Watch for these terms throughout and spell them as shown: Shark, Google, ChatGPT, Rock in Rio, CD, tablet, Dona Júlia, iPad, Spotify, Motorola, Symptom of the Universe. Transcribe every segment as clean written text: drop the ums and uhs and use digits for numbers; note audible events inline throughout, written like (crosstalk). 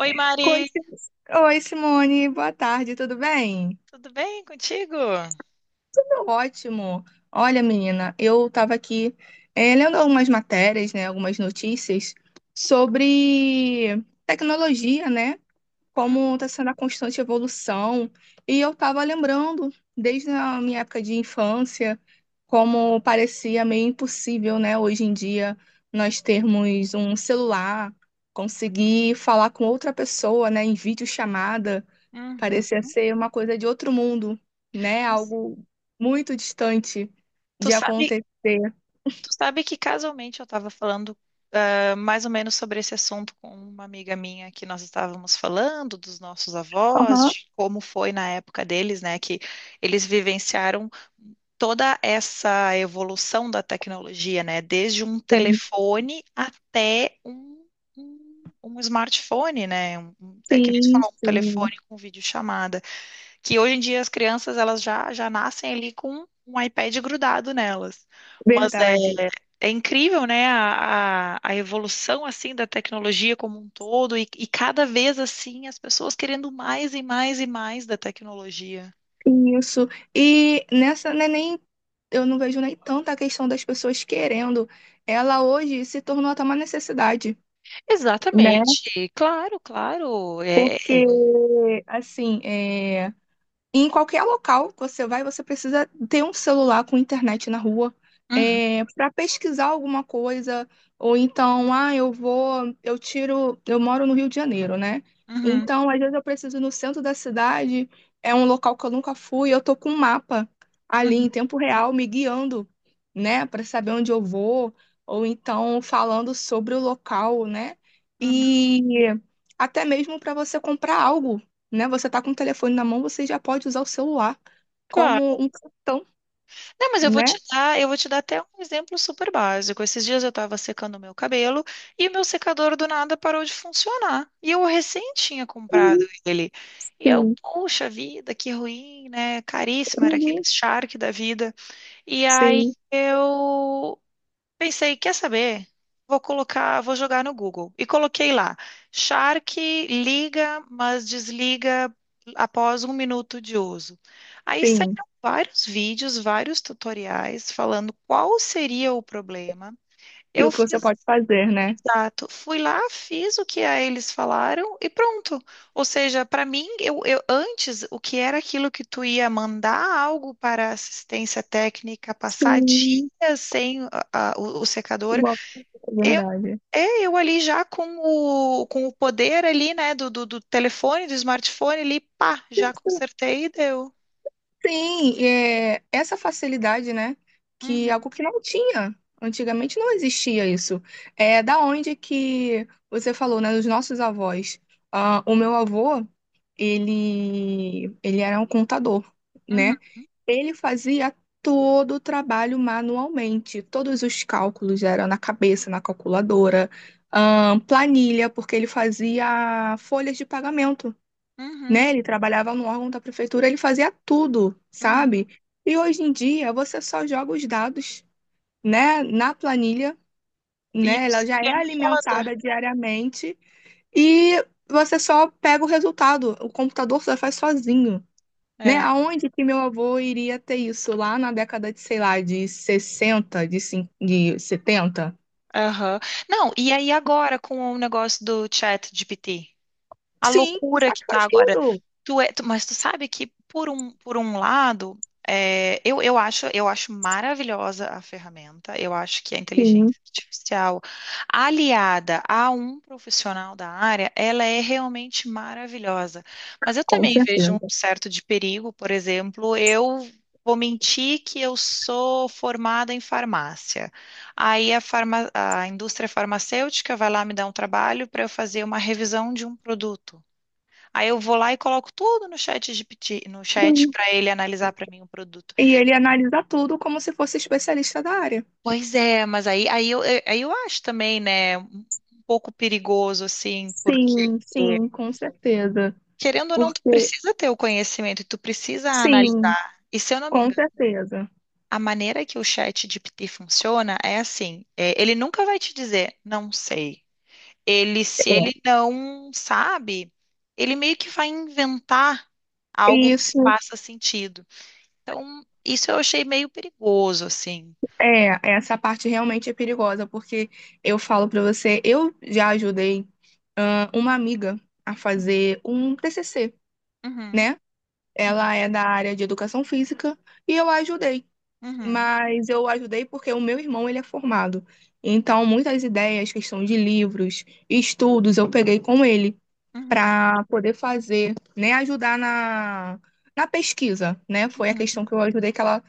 Oi, Oi, Mari, Oi, Simone, boa tarde, tudo bem? tudo bem contigo? Tudo ótimo. Olha, menina, eu estava aqui lendo algumas matérias, né, algumas notícias sobre tecnologia, né, Hum. como está sendo a constante evolução. E eu estava lembrando, desde a minha época de infância, como parecia meio impossível, né, hoje em dia, nós termos um celular, conseguir falar com outra pessoa, né, em videochamada. Uhum. Parecia ser uma coisa de outro mundo, né? Mas Algo muito distante Tu de sabe, acontecer. tu sabe que casualmente eu estava falando mais ou menos sobre esse assunto com uma amiga minha que nós estávamos falando dos nossos avós, Aham. de como foi na época deles, né, que eles vivenciaram toda essa evolução da tecnologia, né, desde um telefone até um smartphone, né, que nem tu Sim, falou, um sim, telefone com videochamada. Que hoje em dia as crianças elas já nascem ali com um iPad grudado nelas. Mas é, verdade. é incrível, né, a evolução assim da tecnologia como um todo e cada vez assim as pessoas querendo mais e mais e mais da tecnologia. Isso. E nessa, né, nem eu não vejo nem tanta questão das pessoas querendo. Ela hoje se tornou até uma necessidade, né? Exatamente, claro, claro. É, é. Porque, assim, é. E em qualquer local que você vai, você precisa ter um celular com internet na rua, Uhum, para pesquisar alguma coisa, ou então, ah, eu vou, eu tiro, eu moro no Rio de Janeiro, né? uhum, Então, às vezes eu preciso ir no centro da cidade, é um local que eu nunca fui, eu tô com um mapa ali uhum, em tempo real me guiando, né, para saber onde eu vou, ou então falando sobre o local, né? uhum. E até mesmo para você comprar algo, né? Você tá com o telefone na mão, você já pode usar o celular Claro. como um cartão, Não, mas eu vou né? te dar, eu vou te dar até um exemplo super básico. Esses dias eu estava secando o meu cabelo e o meu secador do nada parou de funcionar. E eu recém tinha comprado Uhum. ele. E eu, Sim, poxa vida, que ruim, né? Caríssimo, era aquele uhum, Shark da vida. E aí sim, eu pensei, quer saber? Vou jogar no Google. E coloquei lá, Shark liga, mas desliga após um minuto de uso. Aí sim. saíram vários vídeos, vários tutoriais falando qual seria o problema. E Eu o que você fiz, pode fazer, né? exato, fui lá, fiz o que a eles falaram e pronto. Ou seja, para mim, eu antes, o que era aquilo que tu ia mandar algo para assistência técnica, passar Sim, dias sem o secador, igual, é eu, verdade. Eu ali já com com o poder ali, né, do telefone, do smartphone ali, pá, já consertei e deu. Sim, é, essa facilidade, né? Que Uhum, é algo que não tinha. Antigamente não existia isso. É da onde que você falou, né? Dos nossos avós. Ah, o meu avô, ele era um contador, uhum, né? Ele fazia todo o trabalho manualmente. Todos os cálculos eram na cabeça, na calculadora, ah, planilha, porque ele fazia folhas de pagamento, né? uhum, Ele trabalhava no órgão da prefeitura, ele fazia tudo, uhum. sabe? E hoje em dia você só joga os dados, né, na planilha, E né? o Ela já é sistema roda. alimentada diariamente e você só pega o resultado. O computador só faz sozinho, né? É, Aonde que meu avô iria ter isso lá na década de, sei lá, de 60, de 70? aham. Não, e aí agora com o negócio do chat GPT? A Sim, o loucura que SAC tá faz agora. tudo. Mas tu sabe que por um lado, eu acho maravilhosa a ferramenta. Eu acho que a inteligência Sim, artificial aliada a um profissional da área, ela é realmente maravilhosa. Mas eu com também vejo um certeza. certo de perigo, por exemplo, eu vou mentir que eu sou formada em farmácia. A indústria farmacêutica vai lá me dar um trabalho para eu fazer uma revisão de um produto. Aí eu vou lá e coloco tudo no chat GPT, no chat Sim. para ele analisar para mim o produto. E ele analisa tudo como se fosse especialista da área. Pois é, mas aí eu acho também, né, um pouco perigoso, assim, porque Sim, sim, com certeza. querendo ou não, tu Porque, precisa ter o conhecimento e tu precisa sim, analisar. E se eu não me com engano, certeza. a maneira que o chat GPT funciona é assim, é, ele nunca vai te dizer, não sei. Ele, se ele É. não sabe, ele meio que vai inventar algo que Isso, faça sentido. Então, isso eu achei meio perigoso, assim. é, essa parte realmente é perigosa, porque eu falo pra você, eu já ajudei, ah, uma amiga a fazer um TCC, Uhum, né? uhum, Ela é da área de educação física e eu a ajudei, uhum, mas eu a ajudei porque o meu irmão, ele é formado. Então, muitas ideias, questão de livros, estudos, eu peguei com ele, uhum, para poder fazer, né, ajudar na, na pesquisa, né? Foi a uhum, questão que eu ajudei, que ela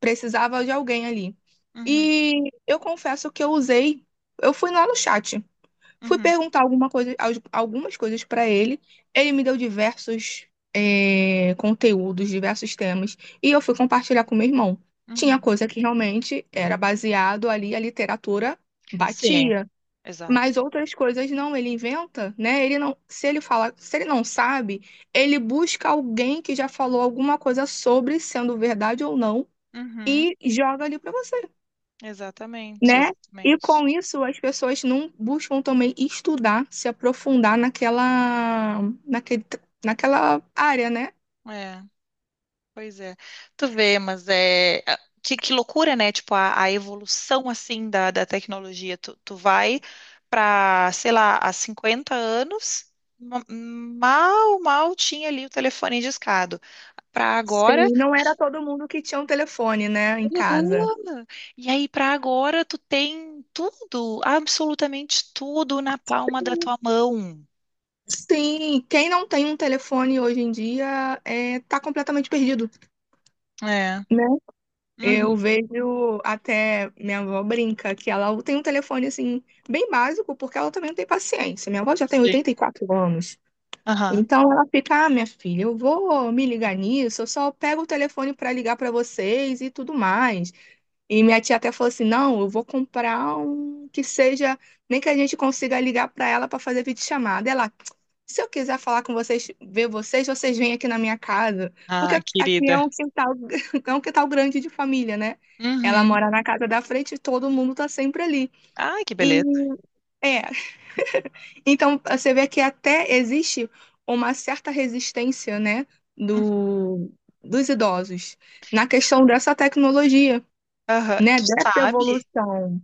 precisava de alguém ali. uhum, E eu confesso que eu usei, eu fui lá no chat, fui uhum, perguntar alguma coisa, algumas coisas para ele, ele me deu diversos conteúdos, diversos temas, e eu fui compartilhar com meu irmão. Tinha uhum. coisa que realmente era baseado ali, a literatura Sim. batia. Exato. Mas outras coisas não, ele inventa, né? Ele não, se ele fala, se ele não sabe, ele busca alguém que já falou alguma coisa sobre, sendo verdade ou não, Uhum, e joga ali para você, exatamente, né? E exatamente. com isso as pessoas não buscam também estudar, se aprofundar naquela, naquele, naquela área, né? É, pois é. Tu vê, mas é. A- que loucura, né? Tipo, a evolução, assim, da tecnologia. Tu vai para, sei lá, há 50 anos, mal tinha ali o telefone discado. Para agora. Sim, não era todo mundo que tinha um telefone, né, em casa. Aham. E aí, para agora, tu tem tudo, absolutamente tudo na palma da tua mão. Sim, quem não tem um telefone hoje em dia é, tá completamente perdido, É. né? Eu Uhum. vejo até minha avó brinca que ela tem um telefone assim bem básico, porque ela também não tem paciência. Minha avó já tem Sim. 84 anos. Aham. Então ela fica, ah, minha filha, eu vou me ligar nisso, eu só pego o telefone para ligar para vocês e tudo mais. E minha tia até falou assim: não, eu vou comprar um que seja, nem que a gente consiga ligar para ela para fazer videochamada. Ela, se eu quiser falar com vocês, ver vocês, vocês vêm aqui na minha casa. Porque Ah, aqui é querida. um quintal, (laughs) é um quintal grande de família, né? Ela Uhum. mora na casa da frente e todo mundo tá sempre ali. Ai, que E beleza. é, então você vê que até existe uma certa resistência, né, Uhum. do, dos idosos na questão dessa tecnologia, Aham. né, Tu dessa sabe? evolução.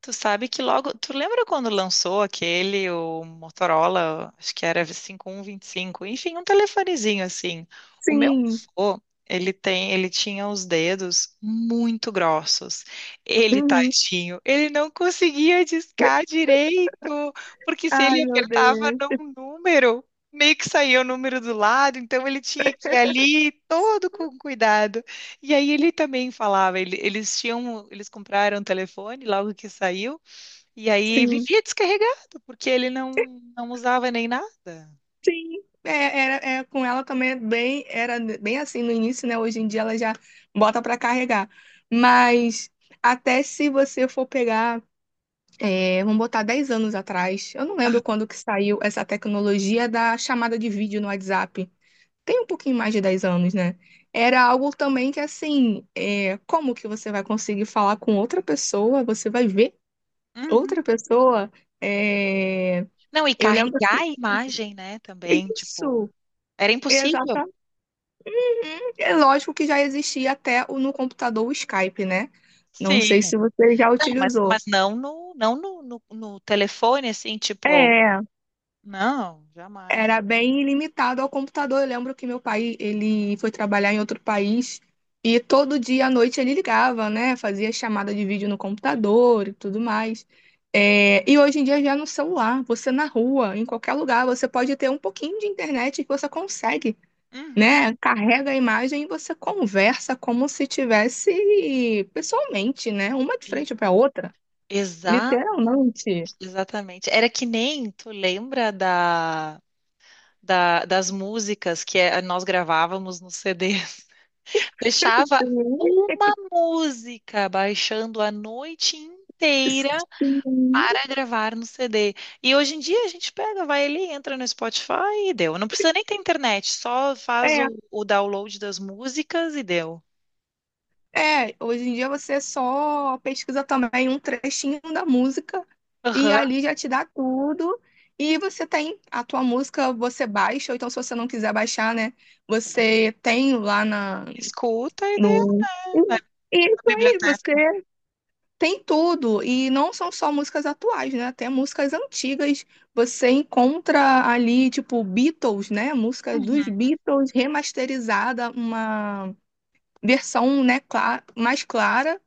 Tu sabe que logo. Tu lembra quando lançou aquele, o Motorola, acho que era 5125, enfim, um telefonezinho assim. O meu Sim. avô, ele tinha os dedos muito grossos. Ele, Uhum. tadinho, ele não conseguia discar direito, porque se Ai, ele meu apertava Deus. num número, meio que saía o número do lado, então ele tinha que ir ali todo com cuidado. E aí ele também falava, eles compraram um telefone logo que saiu, e aí Sim. vivia descarregado, porque ele não usava nem nada. Sim. É, era, é, com ela também é bem, era bem assim no início, né? Hoje em dia ela já bota pra carregar. Mas até se você for pegar, é, vamos botar 10 anos atrás, eu não lembro quando que saiu essa tecnologia da chamada de vídeo no WhatsApp. Tem um pouquinho mais de 10 anos, né? Era algo também que assim, é, como que você vai conseguir falar com outra pessoa? Você vai ver Uhum. outra pessoa? É, Não, e eu lembro carregar que a imagem, né, também, tipo, isso, era impossível. exatamente. É lógico que já existia até no computador o Skype, né? Não Sim. sei se você já Não, mas, utilizou. mas não no telefone, assim, tipo, É, não, jamais. era bem limitado ao computador. Eu lembro que meu pai, ele foi trabalhar em outro país e todo dia à noite ele ligava, né? Fazia chamada de vídeo no computador e tudo mais. É, e hoje em dia já é no celular, você na rua, em qualquer lugar, você pode ter um pouquinho de internet que você consegue. Uhum. Né? Carrega a imagem e você conversa como se tivesse pessoalmente, né? Uma de E- frente para a outra, Exatamente, literalmente. exatamente. Era que nem, tu lembra das músicas que nós gravávamos no CD. (laughs) Deixava Sim. uma música baixando a noite inteira para gravar no CD. E hoje em dia a gente pega, vai ali, entra no Spotify e deu. Não precisa nem ter internet, só faz É, o download das músicas e deu. é, hoje em dia você só pesquisa também um trechinho da música e Aham. ali já te dá tudo. E você tem a tua música, você baixa, ou então se você não quiser baixar, né? Você tem lá na, Escuta e deu, no. né, na Isso aí, biblioteca. você tem tudo, e não são só músicas atuais, né? Até músicas antigas você encontra ali, tipo, Beatles, né? Música dos Beatles remasterizada, uma versão, né, mais clara,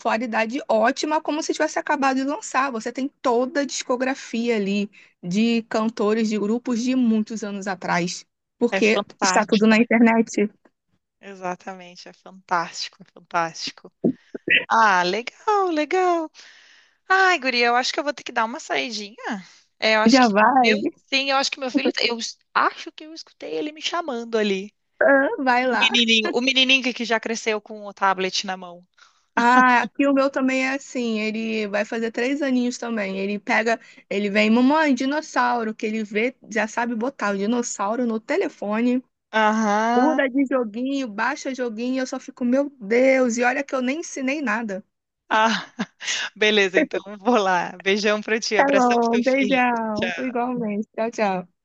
qualidade ótima, como se tivesse acabado de lançar. Você tem toda a discografia ali de cantores, de grupos de muitos anos atrás, É porque está tudo fantástico, na né? internet. Exatamente, é fantástico, é fantástico. Ah, legal, legal. Ai, guria, eu acho que eu vou ter que dar uma saidinha. É, eu acho Já que meu, vai, sim, eu acho que meu filho, acho que eu escutei ele me chamando ali. (laughs) vai lá. O menininho que já cresceu com o tablet na mão. Ah, aqui o meu também é assim, ele vai fazer três aninhos também. Ele pega, ele vem, mamãe, dinossauro, que ele vê, já sabe botar o dinossauro no telefone, Aham. muda de joguinho, baixa joguinho, eu só fico, meu Deus, e olha que eu nem ensinei nada. Ah, (laughs) beleza, então vou lá. Beijão pra ti, Tá abração pro teu bom, filho. beijão, Tchau. igualmente. Tchau, tchau.